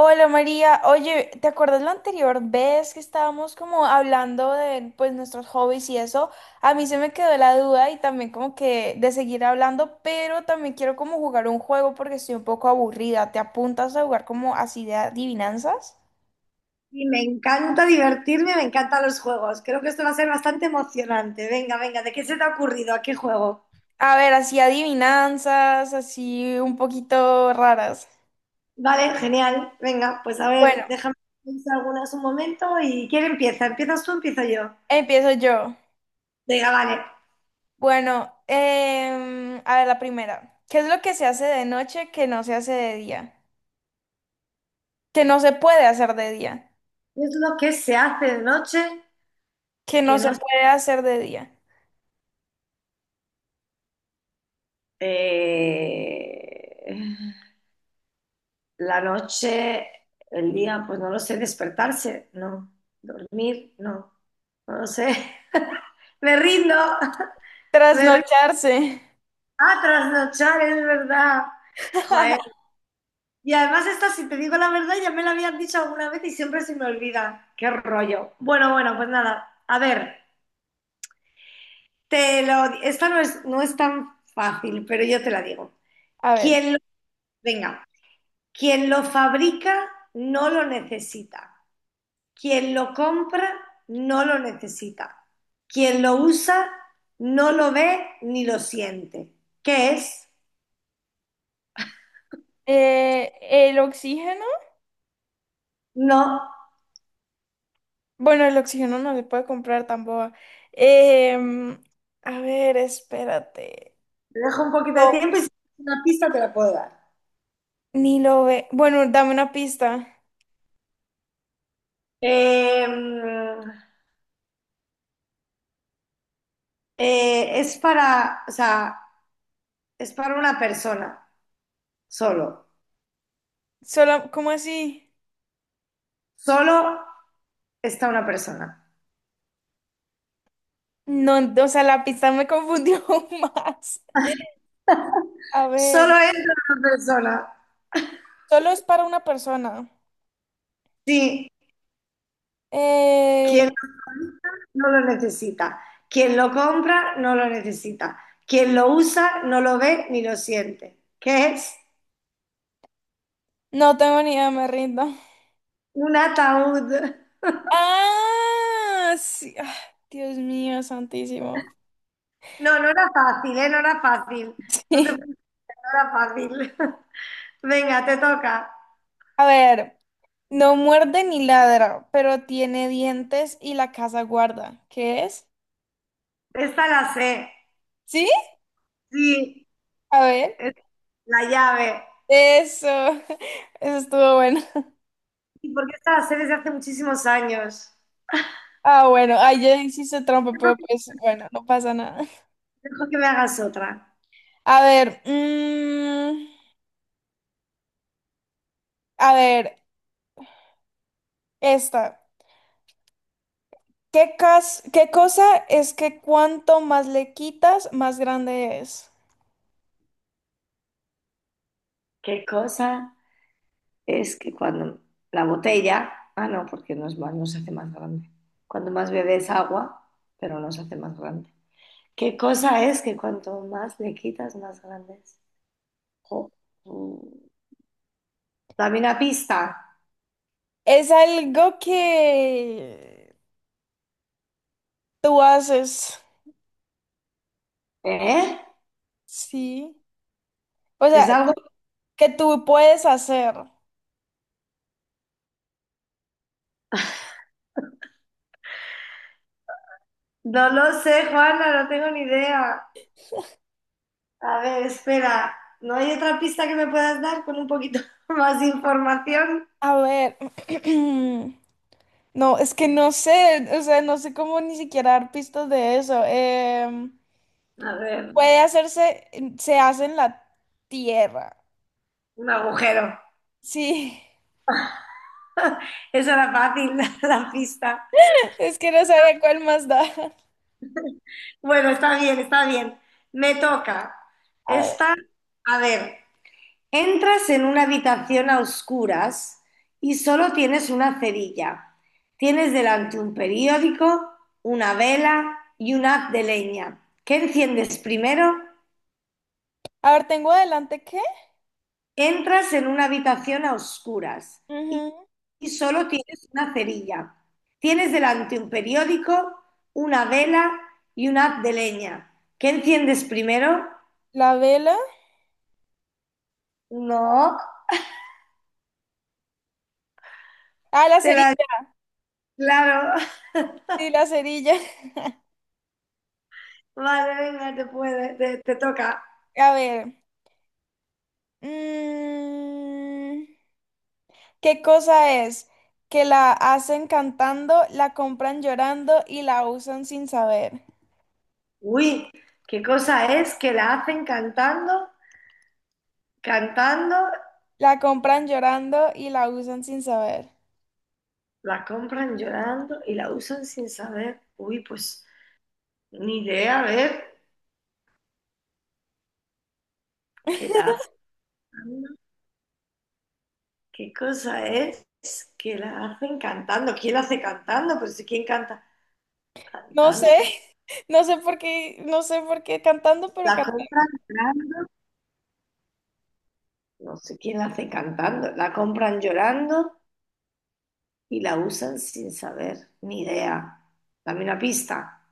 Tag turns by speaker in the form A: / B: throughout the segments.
A: Hola María, oye, ¿te acuerdas la anterior vez que estábamos como hablando de pues nuestros hobbies y eso? A mí se me quedó la duda y también como que de seguir hablando, pero también quiero como jugar un juego porque estoy un poco aburrida. ¿Te apuntas a jugar como así de adivinanzas?
B: Y me encanta divertirme, me encantan los juegos. Creo que esto va a ser bastante emocionante. Venga, venga, ¿de qué se te ha ocurrido? ¿A qué juego?
A: A ver, así adivinanzas, así un poquito raras.
B: Vale, genial. Venga, pues a
A: Bueno,
B: ver, déjame pensar algunas un momento. ¿Y quién empieza? ¿Empiezas tú o empiezo yo?
A: empiezo yo.
B: Venga, vale.
A: Bueno, a ver, la primera. ¿Qué es lo que se hace de noche que no se hace de día? Que no se puede hacer de día.
B: ¿Qué es lo que se hace de noche
A: Que
B: que
A: no se
B: no... se-
A: puede hacer de día.
B: Eh, La noche, el día, pues no lo sé, despertarse, no. Dormir, no. No lo sé. Me rindo. Me rindo.
A: Trasnocharse.
B: Ah, trasnochar, es verdad. Joder. Y además esta, si te digo la verdad, ya me la habían dicho alguna vez y siempre se me olvida. Qué rollo. Bueno, bueno, pues nada. A ver, Esta no es, no es tan fácil, pero yo te la digo.
A: A ver,
B: Quien lo... Venga, quien lo fabrica no lo necesita. Quien lo compra no lo necesita. Quien lo usa no lo ve ni lo siente. ¿Qué es?
A: el oxígeno.
B: No,
A: Bueno, el oxígeno no se puede comprar tampoco. Em, a ver, espérate.
B: te dejo un poquito de
A: No,
B: tiempo y si tienes una pista te la puedo dar.
A: ni lo ve. Bueno, dame una pista.
B: Eh, es para, o sea, es para una persona, solo.
A: Solo, ¿cómo así?
B: Solo está una persona.
A: No, o sea, la pista me confundió más. A
B: Solo
A: ver,
B: entra una persona.
A: solo es para una persona.
B: Sí,
A: Eh,
B: quien lo compra no lo necesita. Quien lo compra no lo necesita. Quien lo usa no lo ve ni lo siente. ¿Qué es?
A: no tengo ni idea, me rindo.
B: Un ataúd.
A: Ah, sí. Ah, Dios mío, santísimo.
B: No, no era fácil, ¿eh? No era fácil. No te preocupes, no era fácil. Venga, te toca.
A: A ver, no muerde ni ladra, pero tiene dientes y la casa guarda. ¿Qué es?
B: Esta la sé.
A: ¿Sí?
B: Sí,
A: A ver.
B: es la llave.
A: Eso. Eso estuvo bueno.
B: Y porque esta la sé desde hace muchísimos años.
A: Ah, bueno. Ay, ya hiciste trampa, pero
B: Dejo que
A: pues bueno, no pasa nada.
B: dejo que me hagas otra.
A: A ver. A ver, esta. ¿ Qué cosa es que cuanto más le quitas, más grande es?
B: ¿Qué cosa es que cuando la botella, ah no, porque no es más, no se hace más grande. Cuando más bebes agua, pero no se hace más grande. ¿Qué cosa es que cuanto más le quitas, más grande es? Jo, mm. Dame una pista.
A: Es algo que tú haces,
B: ¿Eh?
A: sí. O
B: Es
A: sea,
B: algo...
A: que tú puedes hacer.
B: No lo sé, Juana, no tengo ni idea. A ver, espera. ¿No hay otra pista que me puedas dar con un poquito más de información?
A: A ver, no, es que no sé, o sea, no sé cómo ni siquiera dar pistas de eso.
B: A ver,
A: Puede hacerse, se hace en la tierra.
B: un agujero.
A: Sí,
B: Esa era fácil, la pista.
A: es que no sabía cuál más da.
B: Bueno, está bien, está bien. Me toca.
A: A ver,
B: Esta, a ver. Entras en una habitación a oscuras y solo tienes una cerilla. Tienes delante un periódico, una vela y un haz de leña. ¿Qué enciendes primero?
A: a ver, tengo adelante ¿qué?
B: Entras en una habitación a oscuras y,
A: Ujú.
B: y solo tienes una cerilla. Tienes delante un periódico, una vela y un haz de leña. ¿Qué enciendes primero?
A: La vela.
B: No,
A: Ah, la
B: te
A: cerilla,
B: la... Claro,
A: sí, la cerilla.
B: vale, venga, te toca.
A: A ver. mm, ¿Qué cosa es? Que la hacen cantando, la compran llorando y la usan sin saber.
B: Uy, qué cosa es que la hacen cantando,
A: La compran llorando y la usan sin saber.
B: la compran llorando y la usan sin saber. Uy, pues ni idea, a ver, que la hacen cantando. ¿Qué cosa es que la hacen cantando? ¿Quién la hace cantando? Pues si quién canta
A: No sé,
B: cantando.
A: no sé por qué, no sé por qué cantando, pero
B: La
A: cantando.
B: compran llorando. No sé quién la hace cantando. La compran llorando y la usan sin saber. Ni idea. Dame una pista.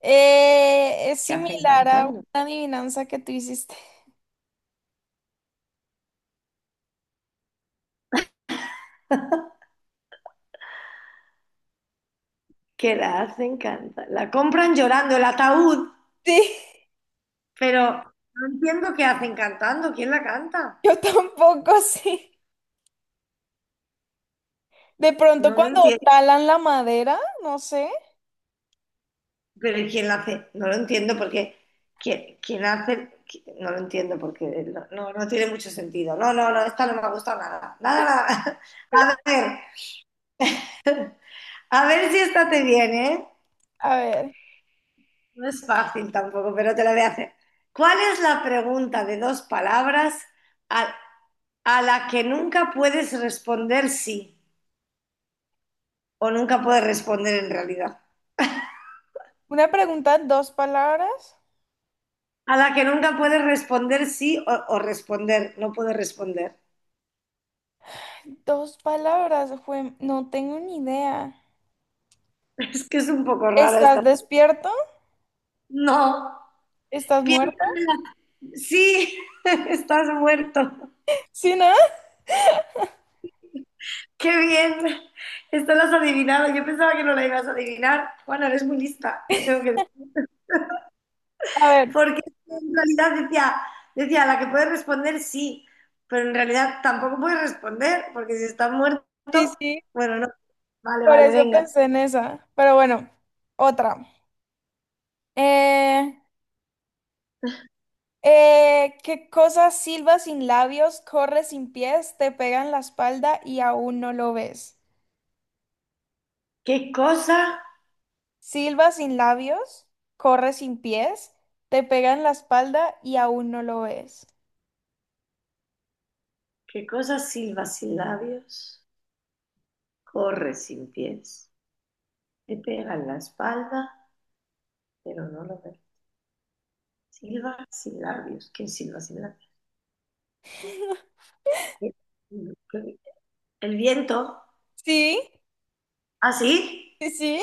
A: Es
B: ¿Qué hacen
A: similar a una
B: cantando?
A: adivinanza que tú hiciste.
B: ¿Qué la hacen cantar? La compran llorando el ataúd,
A: Sí,
B: pero no entiendo qué hacen cantando. ¿Quién la canta?
A: yo tampoco, sí. De pronto
B: No lo
A: cuando
B: entiendo.
A: talan la madera, no sé.
B: Pero ¿y ¿quién la hace? No lo entiendo porque ¿quién hace? No lo entiendo porque no, no, no tiene mucho sentido. No, no, no, esta no me ha gustado nada. Nada, nada. A ver si esta te viene, ¿eh?
A: A ver,
B: No es fácil tampoco, pero te la voy a hacer. ¿Cuál es la pregunta de dos palabras a, a la que nunca puedes responder sí? O nunca puedes responder en realidad.
A: una pregunta, dos palabras.
B: A la que nunca puedes responder sí o responder, no puedes responder.
A: Dos palabras, no tengo ni idea.
B: Es que es un poco rara esta.
A: ¿Estás despierto?
B: No,
A: ¿Estás
B: piensa
A: muerto?
B: en la... Sí, estás muerto.
A: Sí, ¿no?
B: Qué bien, esto lo has adivinado. Yo pensaba que no la ibas a adivinar. Juana, eres muy lista,
A: A ver,
B: Porque en realidad decía, decía, a la que puedes responder sí, pero en realidad tampoco puedes responder, porque si estás muerto,
A: sí, sí,
B: bueno, no. Vale,
A: por
B: vale,
A: eso
B: venga.
A: pensé en esa. Pero bueno, otra. Eh, ¿Qué cosa silba sin labios, corre sin pies, te pega en la espalda y aún no lo ves?
B: ¿Qué cosa
A: Silba sin labios, corre sin pies, te pega en la espalda y aún no lo ves.
B: ¿Qué cosa silba sin labios? Corre sin pies. Le pega en la espalda, pero no lo ve. Silba sin labios. ¿Quién silba sin labios? El viento.
A: Sí,
B: ¿Así?
A: sí, sí,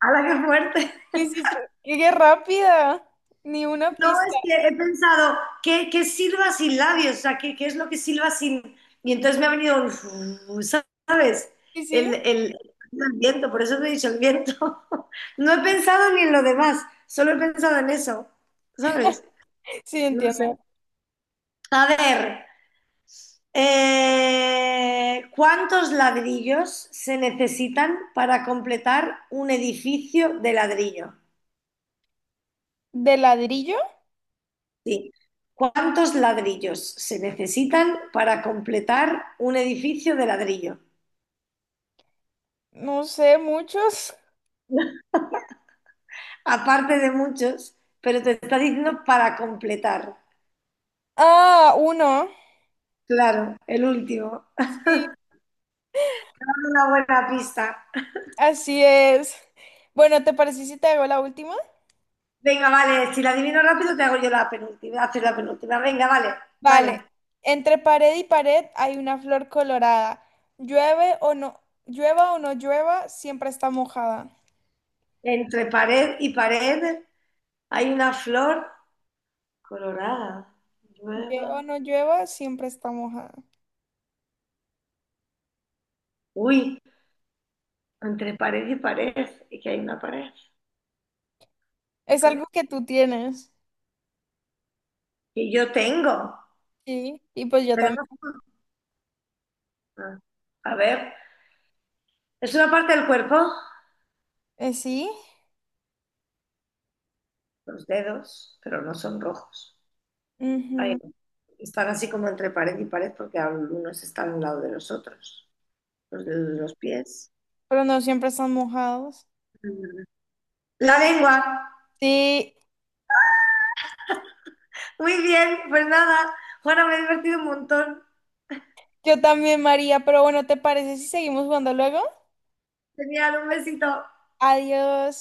B: ¡Ah, la que fuerte!
A: lo hiciste. ¡Qué rápida! Ni una
B: No,
A: pista.
B: es que he pensado, qué silba sin labios? O sea, qué es lo que silba sin...? Y entonces me ha venido, ¿sabes?
A: Sí, sí,
B: El viento, por eso te he dicho el viento. No he pensado ni en lo demás, solo he pensado en eso, ¿sabes?
A: sí,
B: No
A: entiendo.
B: sé. A ver, ¿cuántos ladrillos se necesitan para completar un edificio de ladrillo?
A: ¿De ladrillo?
B: Sí. ¿Cuántos ladrillos se necesitan para completar un edificio de ladrillo?
A: No sé, muchos.
B: Aparte de muchos, pero te está diciendo para completar.
A: Ah, uno.
B: Claro, el último.
A: Sí,
B: Te dando una buena pista.
A: así es. Bueno, ¿te parece si te hago la última?
B: Venga, vale, si la adivino rápido te hago yo la penúltima, haces la penúltima. Venga, vale,
A: Vale.
B: vale.
A: Entre pared y pared hay una flor colorada. Llueve o no llueva, siempre está mojada.
B: Entre pared y pared, hay una flor colorada,
A: Llueva o
B: nueva.
A: no llueva, siempre está mojada.
B: Uy, entre pared y pared, y que hay una pared.
A: Es
B: Ok.
A: algo que tú tienes.
B: Y yo tengo.
A: Sí, y pues yo también.
B: Tenemos- ah, A ver, es una parte del cuerpo,
A: Sí,
B: los dedos, pero no son rojos. Ahí
A: ujú.
B: no. Están así como entre pared y pared porque algunos están a un lado de los otros. Los dedos de los pies.
A: Pero no siempre están mojados.
B: Mm. La lengua.
A: Sí,
B: Muy bien, pues nada. Juana, me he divertido un montón.
A: yo también, María. Pero bueno, ¿te parece si seguimos jugando luego?
B: Genial, un besito.
A: Adiós.